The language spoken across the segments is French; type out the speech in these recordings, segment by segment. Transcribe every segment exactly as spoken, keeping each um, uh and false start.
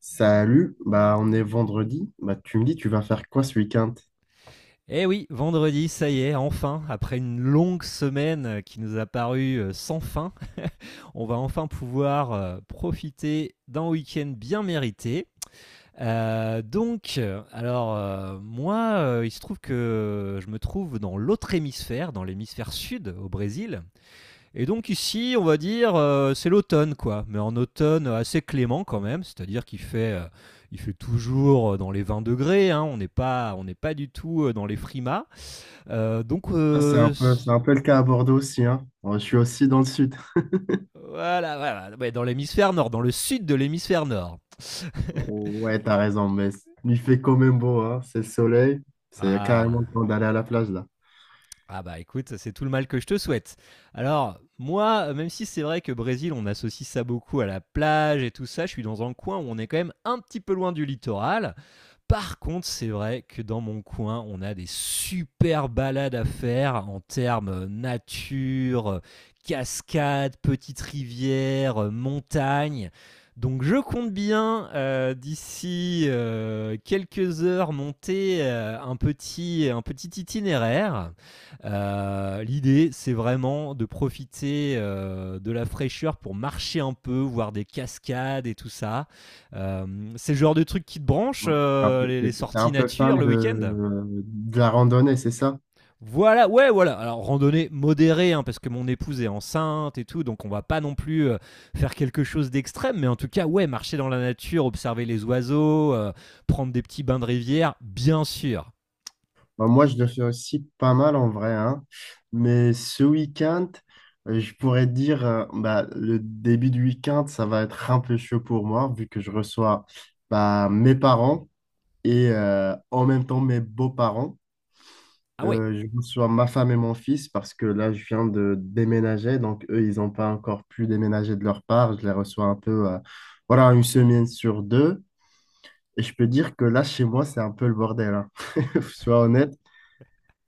Salut, bah on est vendredi. Bah tu me dis tu vas faire quoi ce week-end? Eh oui, vendredi, ça y est, enfin, après une longue semaine qui nous a paru euh, sans fin, on va enfin pouvoir euh, profiter d'un week-end bien mérité. Euh, donc, euh, alors, euh, moi, euh, il se trouve que je me trouve dans l'autre hémisphère, dans l'hémisphère sud, au Brésil. Et donc ici, on va dire, euh, c'est l'automne, quoi. Mais en automne assez clément quand même, c'est-à-dire qu'il fait... euh, il fait toujours euh, dans les vingt degrés, hein, on n'est pas, on n'est pas du tout euh, dans les frimas. Euh, donc, Ah, c'est un euh, peu, c'est un peu le cas à Bordeaux aussi, hein. Moi, je suis aussi dans le sud. voilà, voilà. Ouais, dans l'hémisphère nord, dans le sud de l'hémisphère nord. Ouais, t'as raison, mais il fait quand même beau, hein. C'est le soleil. C'est carrément le Ah. temps d'aller à la plage là. Ah bah écoute, c'est tout le mal que je te souhaite. Alors, moi, même si c'est vrai que Brésil, on associe ça beaucoup à la plage et tout ça, je suis dans un coin où on est quand même un petit peu loin du littoral. Par contre, c'est vrai que dans mon coin, on a des super balades à faire en termes euh, nature, euh, cascades, petites rivières, euh, montagnes. Donc je compte bien euh, d'ici euh, quelques heures monter euh, un, petit, un petit itinéraire. Euh, L'idée c'est vraiment de profiter euh, de la fraîcheur pour marcher un peu, voir des cascades et tout ça. Euh, c'est le genre de truc qui te branche, Ouais. Un euh, peu- les, T'es les t'es un sorties peu nature fan le week-end. de, de la randonnée, c'est ça? Voilà, ouais, voilà. Alors, randonnée modérée, hein, parce que mon épouse est enceinte et tout, donc on va pas non plus euh, faire quelque chose d'extrême, mais en tout cas, ouais, marcher dans la nature, observer les oiseaux, euh, prendre des petits bains de rivière, bien sûr. Bah, moi, je le fais aussi pas mal en vrai, hein. Mais ce week-end, euh, je pourrais dire, euh, bah, le début du week-end, ça va être un peu chaud pour moi, vu que je reçois bah, mes parents et euh, en même temps mes beaux-parents. Ah ouais, Euh, je reçois ma femme et mon fils parce que là, je viens de déménager, donc eux, ils n'ont pas encore pu déménager de leur part. Je les reçois un peu, euh, voilà, une semaine sur deux. Et je peux dire que là, chez moi, c'est un peu le bordel, hein. Sois honnête.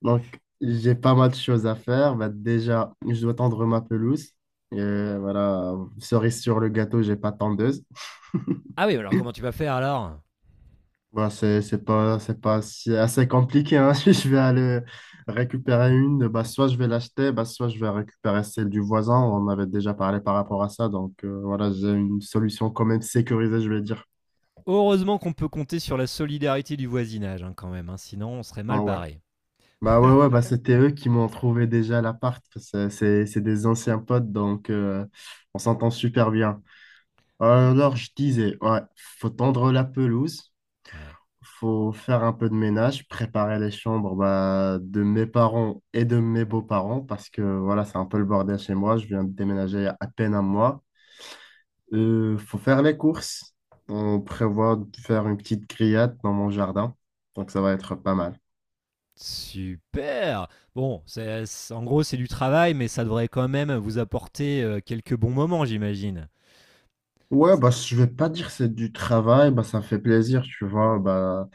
Donc, j'ai pas mal de choses à faire. Bah, déjà, je dois tendre ma pelouse. Et voilà, cerise sur le gâteau, j'ai pas de tondeuse. ah ouais, alors comment tu vas faire alors? Bah, c'est, c'est pas, c'est pas si- assez compliqué, hein. Si je vais aller récupérer une, bah, soit je vais l'acheter, bah, soit je vais récupérer celle du voisin. On avait déjà parlé par rapport à ça. Donc, euh, voilà, j'ai une solution quand même sécurisée, je vais dire. Heureusement qu'on peut compter sur la solidarité du voisinage, hein, quand même, hein, sinon on serait mal Ah ouais. barré. Bah ouais, ouais, bah c'était eux qui m'ont trouvé déjà l'appart. C'est c'est- c'est des anciens potes, donc euh, on s'entend super bien. Alors, je disais, ouais, faut tendre la pelouse, Ouais. faut faire un peu de ménage, préparer les chambres bah, de mes parents et de mes beaux-parents, parce que voilà, c'est un peu le bordel chez moi, je viens de déménager il y a à peine un mois. Euh, faut faire les courses, on prévoit de faire une petite grillade dans mon jardin, donc ça va être pas mal. Super. Bon, c'est c'est- en gros, c'est du travail, mais ça devrait quand même vous apporter euh, quelques bons moments, j'imagine. Ouais, bah, je vais pas dire que c'est du travail, bah, ça fait plaisir, tu vois, bah,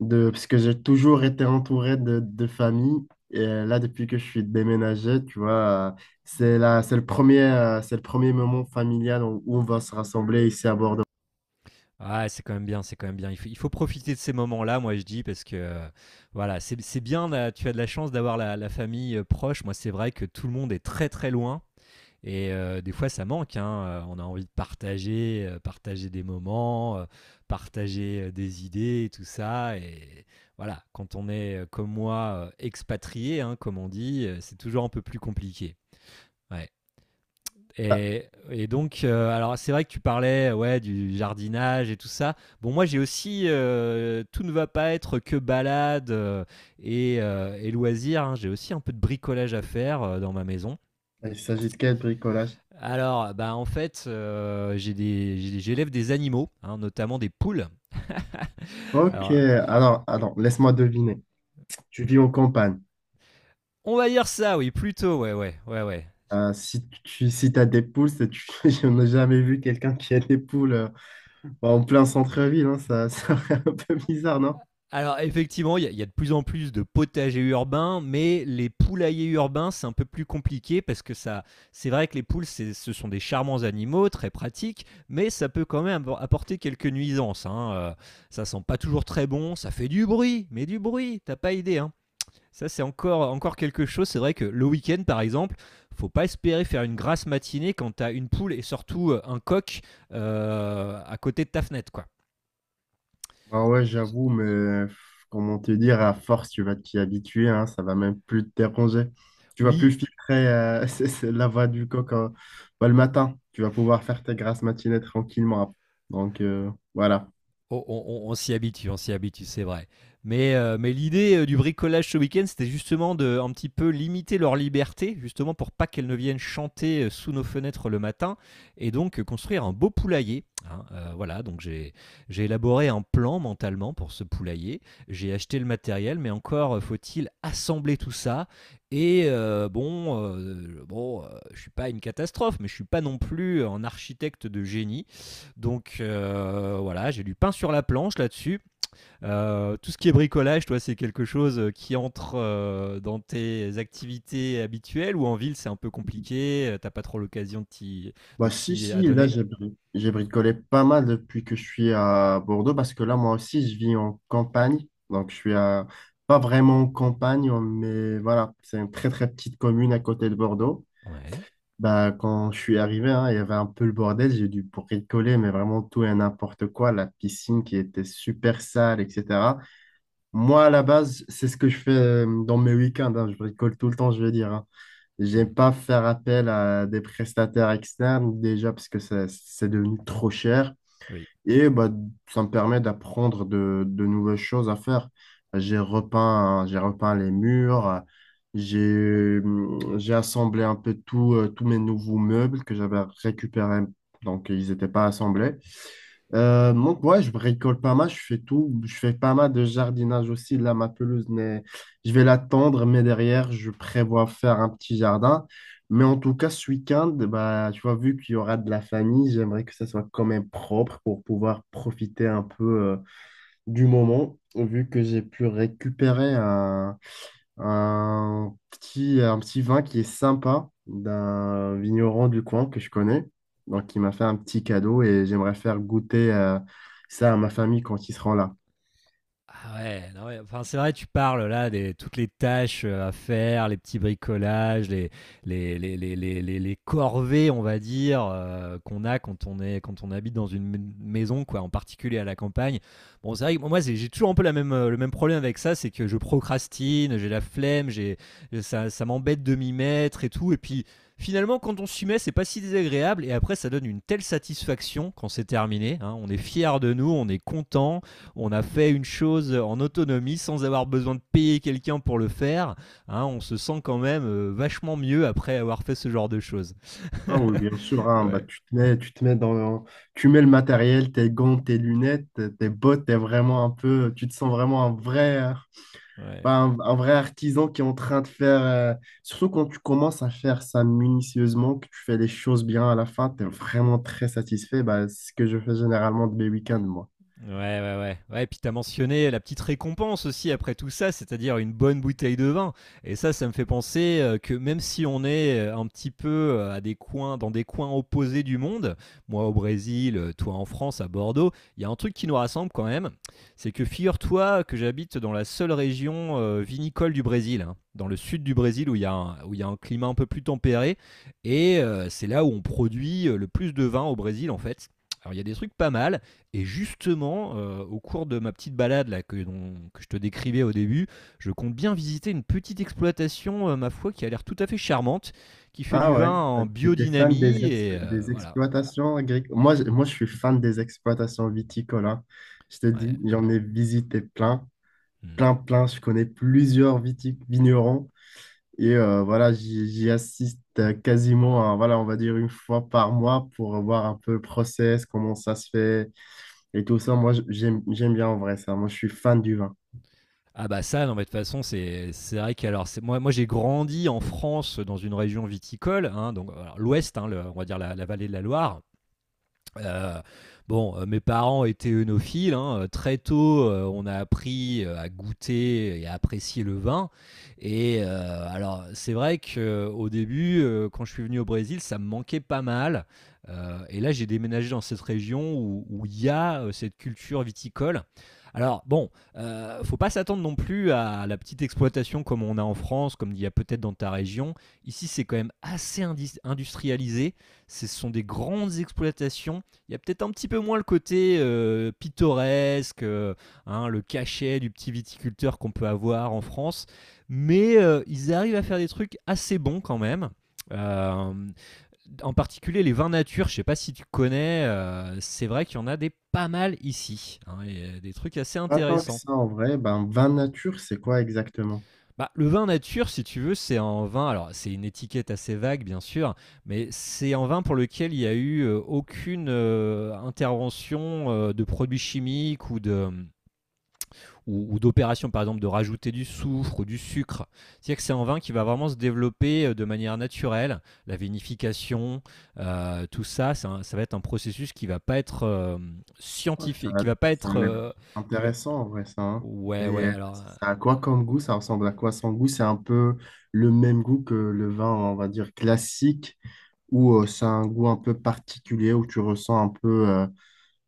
de, parce que j'ai toujours été entouré de, de famille. Et euh, là, depuis que je suis déménagé, tu vois, euh, c'est là, c'est le premier, euh, c'est le premier moment familial où, où on va se rassembler ici à Bordeaux. Ah, c'est quand même bien, c'est quand même bien. Il faut, il faut profiter de ces moments-là, moi je dis, parce que euh, voilà, c'est c'est bien, là, tu as de la chance d'avoir la, la famille euh, proche. Moi, c'est vrai que tout le monde est très très loin. Et euh, des fois, ça manque, hein. Euh, On a envie de partager, euh, partager des moments, euh, partager euh, des idées, et tout ça. Et voilà, quand on est euh, comme moi, euh, expatrié, hein, comme on dit, euh, c'est toujours un peu plus compliqué. Ouais. Ah, Et, et donc, euh, alors c'est vrai que tu parlais ouais, du jardinage et tout ça. Bon, moi j'ai aussi, euh, tout ne va pas être que balade euh, et, euh, et loisirs, hein. J'ai aussi un peu de bricolage à faire euh, dans ma maison. il s'agit de quel bricolage? Alors, bah en fait, euh, j'ai des- j'ai- j'élève des animaux, hein, notamment des poules. Ok, Alors, alors, alors, laisse-moi deviner. Tu vis en campagne. on va dire ça, oui, plutôt, ouais, ouais, ouais, ouais. Euh, si tu si t'as des poules, c'est- tu, je n'ai jamais vu quelqu'un qui a des poules euh, en plein centre-ville, hein. ça, ça fait un peu bizarre. Alors, effectivement, il y, a- il y a de plus en plus de potagers urbains, mais les poulaillers urbains, c'est un peu plus compliqué parce que ça, c'est vrai que les poules, c'est- ce sont des charmants animaux, très pratiques, mais ça peut quand même appor- apporter quelques nuisances, hein. Euh, ça sent pas toujours très bon, ça fait du bruit, mais du bruit, t'as pas idée, hein. Ça, c'est encore, encore quelque chose. C'est vrai que le week-end, par exemple, faut pas espérer faire une grasse matinée quand tu as une poule et surtout euh, un coq euh, à côté de ta fenêtre, quoi. Bah ouais, j'avoue, mais euh, comment te dire, à force, tu vas t'y habituer, hein, ça va même plus te déranger. Tu vas plus Oui, filtrer euh, c'est- c'est la voix du coq, hein. Bah, le matin. Tu vas pouvoir faire tes grasses matinées tranquillement. Donc euh, voilà. On, on- on- on s'y habitue, on s'y habitue, c'est vrai. Mais, euh, mais l'idée euh, du bricolage ce week-end, c'était justement de un petit peu limiter leur liberté, justement pour pas qu'elles ne viennent chanter euh, sous nos fenêtres le matin, et donc euh, construire un beau poulailler, hein. Euh, voilà, donc j'ai j'ai élaboré un plan mentalement pour ce poulailler. J'ai acheté le matériel, mais encore euh, faut-il assembler tout ça. Et euh, bon, euh, bon, euh, je suis pas une catastrophe, mais je suis pas non plus un architecte de génie. Donc euh, voilà, j'ai du pain sur la planche là-dessus. Euh, tout ce qui est bricolage, toi, c'est quelque chose qui entre euh, dans tes activités habituelles ou en ville, c'est un peu compliqué, euh, t'as pas trop l'occasion de t'y de Bah si, t'y si, là, adonner. j'ai bri- j'ai bricolé pas mal depuis que je suis à Bordeaux, parce que là, moi aussi, je vis en campagne. Donc je suis à... pas vraiment en campagne, mais voilà, c'est une très très petite commune à côté de Bordeaux. Ouais. Bah, quand je suis arrivé, hein, il y avait un peu le bordel, j'ai dû bricoler, mais vraiment tout et n'importe quoi, la piscine qui était super sale, et cetera. Moi, à la base, c'est ce que je fais euh, dans mes week-ends, hein, je bricole tout le temps, je veux dire, hein. Hmm. J'aime pas faire appel à des prestataires externes, déjà parce que ça- c'est devenu trop cher. Oui. Et bah, ça me permet d'apprendre de, de nouvelles choses à faire. J'ai repeint, j'ai repeint les murs, j'ai, j'ai assemblé un peu tout, euh, tous mes nouveaux meubles que j'avais récupérés, donc ils n'étaient pas assemblés. Euh, donc, ouais, je bricole pas mal, je fais tout. Je fais pas mal de jardinage aussi. Là, ma pelouse, n'est- je vais l'attendre, mais derrière, je prévois faire un petit jardin. Mais en tout cas, ce week-end, bah, tu vois, vu qu'il y aura de la famille, j'aimerais que ça soit quand même propre pour pouvoir profiter un peu euh, du moment, vu que j'ai pu récupérer un un petit, un petit vin qui est sympa d'un vigneron du coin que je connais. Donc, il m'a fait un petit cadeau et j'aimerais faire goûter euh, ça à ma famille quand ils seront là. Ah ouais, non, ouais. Enfin, c'est vrai, tu parles là des toutes les tâches euh, à faire, les petits bricolages, les, les, les, les, les, les- les corvées, on va dire, euh, qu'on a quand on est, quand on habite dans une m- maison, quoi, en particulier à la campagne. Bon, c'est vrai que moi, c'est- j'ai toujours un peu la même, euh, le même problème avec ça, c'est que je procrastine, j'ai la flemme, j'ai, ça, ça m'embête de m'y mettre et tout. Et puis, finalement, quand on s'y met, c'est pas si désagréable. Et après, ça donne une telle satisfaction quand c'est terminé, hein. On est fier de nous, on est content, on a fait une chose en autonomie sans avoir besoin de payer quelqu'un pour le faire. Hein, on se sent quand même euh, vachement mieux après avoir fait ce genre de choses. Ah oui, bien sûr, hein, bah, ouais, tu te mets, tu te mets dans, tu mets le matériel, tes gants, tes lunettes, tes bottes, t'es vraiment un peu, tu te sens vraiment un vrai. ouais. Bah, un, un vrai artisan qui est en train de faire, euh, surtout quand tu commences à faire ça minutieusement, que tu fais les choses bien à la fin, tu es vraiment très satisfait. Bah, c'est ce que je fais généralement de mes week-ends, moi. Ouais, ouais, ouais. Ouais, et puis t'as mentionné la petite récompense aussi après tout ça, c'est-à-dire une bonne bouteille de vin. Et ça, ça me fait penser euh, que même si on est euh, un petit peu euh, à des coins, dans des coins opposés du monde, moi au Brésil, euh, toi en France, à Bordeaux, il y a un truc qui nous rassemble quand même, c'est que figure-toi que j'habite dans la seule région euh, vinicole du Brésil, hein, dans le sud du Brésil où il y a un, où il y a un climat un peu plus tempéré, et euh, c'est là où on produit euh, le plus de vin au Brésil en fait. Alors il y a des trucs pas mal. Et justement, heu, au cours de ma petite balade là que dont que je te décrivais au début, je compte bien visiter une petite exploitation, heu, ma foi qui a l'air tout à fait charmante, qui fait Ah du vin ouais, euh, en j'étais fan des, biodynamie ex- et heu, des voilà, exploitations agricoles. Moi, je- moi, je suis fan des exploitations viticoles, hein. Je te dis, ouais, j'en ai visité plein, mmh. plein, plein. Je connais plusieurs viti- vignerons. Et euh, voilà, j'y j'y assiste euh, quasiment, à, voilà, on va dire une fois par mois pour voir un peu le process, comment ça se fait et tout ça. Moi, j- j'aime, j'aime bien en vrai ça. Moi, je suis fan du vin. Ah bah ça, non mais de toute façon c'est c'est vrai qu'alors c'est moi moi j'ai grandi en France, dans une région viticole, hein, donc alors l'ouest, hein, le on va dire la la vallée de la Loire. Heu, bon, heu, mes parents étaient œnophiles, hein, heu, très tôt, heu, on a appris, heu, à goûter et à apprécier le vin et heu, alors c'est vrai qu'au début, heu, quand je suis venu au Brésil, ça me manquait pas mal, heu et là j'ai déménagé dans cette région où où il y a, heu, cette culture viticole. Alors bon, heu, faut pas s'attendre non plus à la petite exploitation comme on a en France, comme il y a peut-être dans ta région. Ici, c'est quand même assez indis industrialisé. Ce sont des grandes exploitations, il y a peut-être un petit peu moins le côté euh, pittoresque, euh, hein, le cachet du petit viticulteur qu'on peut avoir en France, mais euh, ils arrivent à faire des trucs assez bons quand même. Euh, En particulier les vins nature, je ne sais pas si tu connais, euh, c'est vrai qu'il y en a des pas mal ici, hein, et, euh, des trucs assez Pas tant que intéressants. ça en vrai, ben, vin nature, c'est quoi exactement? Bah, le vin nature, si tu veux, c'est un vin, alors c'est une étiquette assez vague bien sûr, mais c'est un vin pour lequel il n'y a eu euh, aucune euh, intervention euh, de produits chimiques ou de ou, ou d'opération par exemple de rajouter du soufre ou du sucre. C'est-à-dire que c'est un vin qui va vraiment se développer euh, de manière naturelle, la vinification, euh, tout ça, c'est un- ça va être un processus qui va pas être euh, Ouais, ça, scientifique, a qui va pas ça a être l'air euh, qui va intéressant en vrai ça, hein. Et Ouais, ouais, euh, alors ça a quoi comme goût? Ça ressemble à quoi son goût? C'est un peu le même goût que le vin, on va dire, classique ou euh, ça a un goût un peu particulier où tu ressens un peu, euh,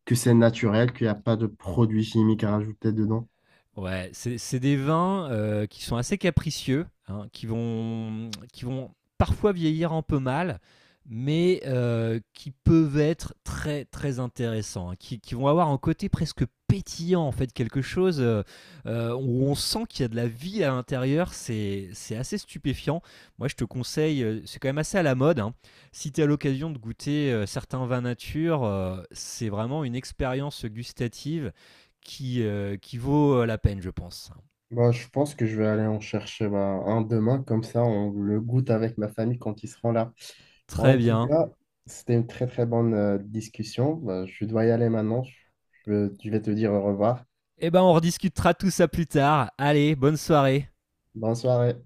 que c'est naturel, qu'il n'y a pas de produits chimiques à rajouter dedans. ouais, c'est c'est des vins euh, qui sont assez capricieux, hein, qui vont, qui vont parfois vieillir un peu mal, mais euh, qui peuvent être très très intéressants, hein, qui, qui vont avoir un côté presque pétillant en fait, quelque chose euh, euh, où on sent qu'il y a de la vie à l'intérieur, c'est c'est assez stupéfiant. Moi je te conseille, euh, c'est quand même assez à la mode, hein. Si tu as l'occasion de goûter euh, certains vins nature, euh, c'est vraiment une expérience gustative qui, euh, qui vaut euh, la peine, je pense. Bah, je pense que je vais aller en chercher bah, un demain, comme ça on le goûte avec ma famille quand ils seront là. En Très tout bien. cas, c'était une très très bonne euh, discussion. Bah, je dois y aller maintenant. Je, je vais te dire au revoir. Eh ben, on rediscutera tout ça plus tard. Allez, bonne soirée. Bonne soirée.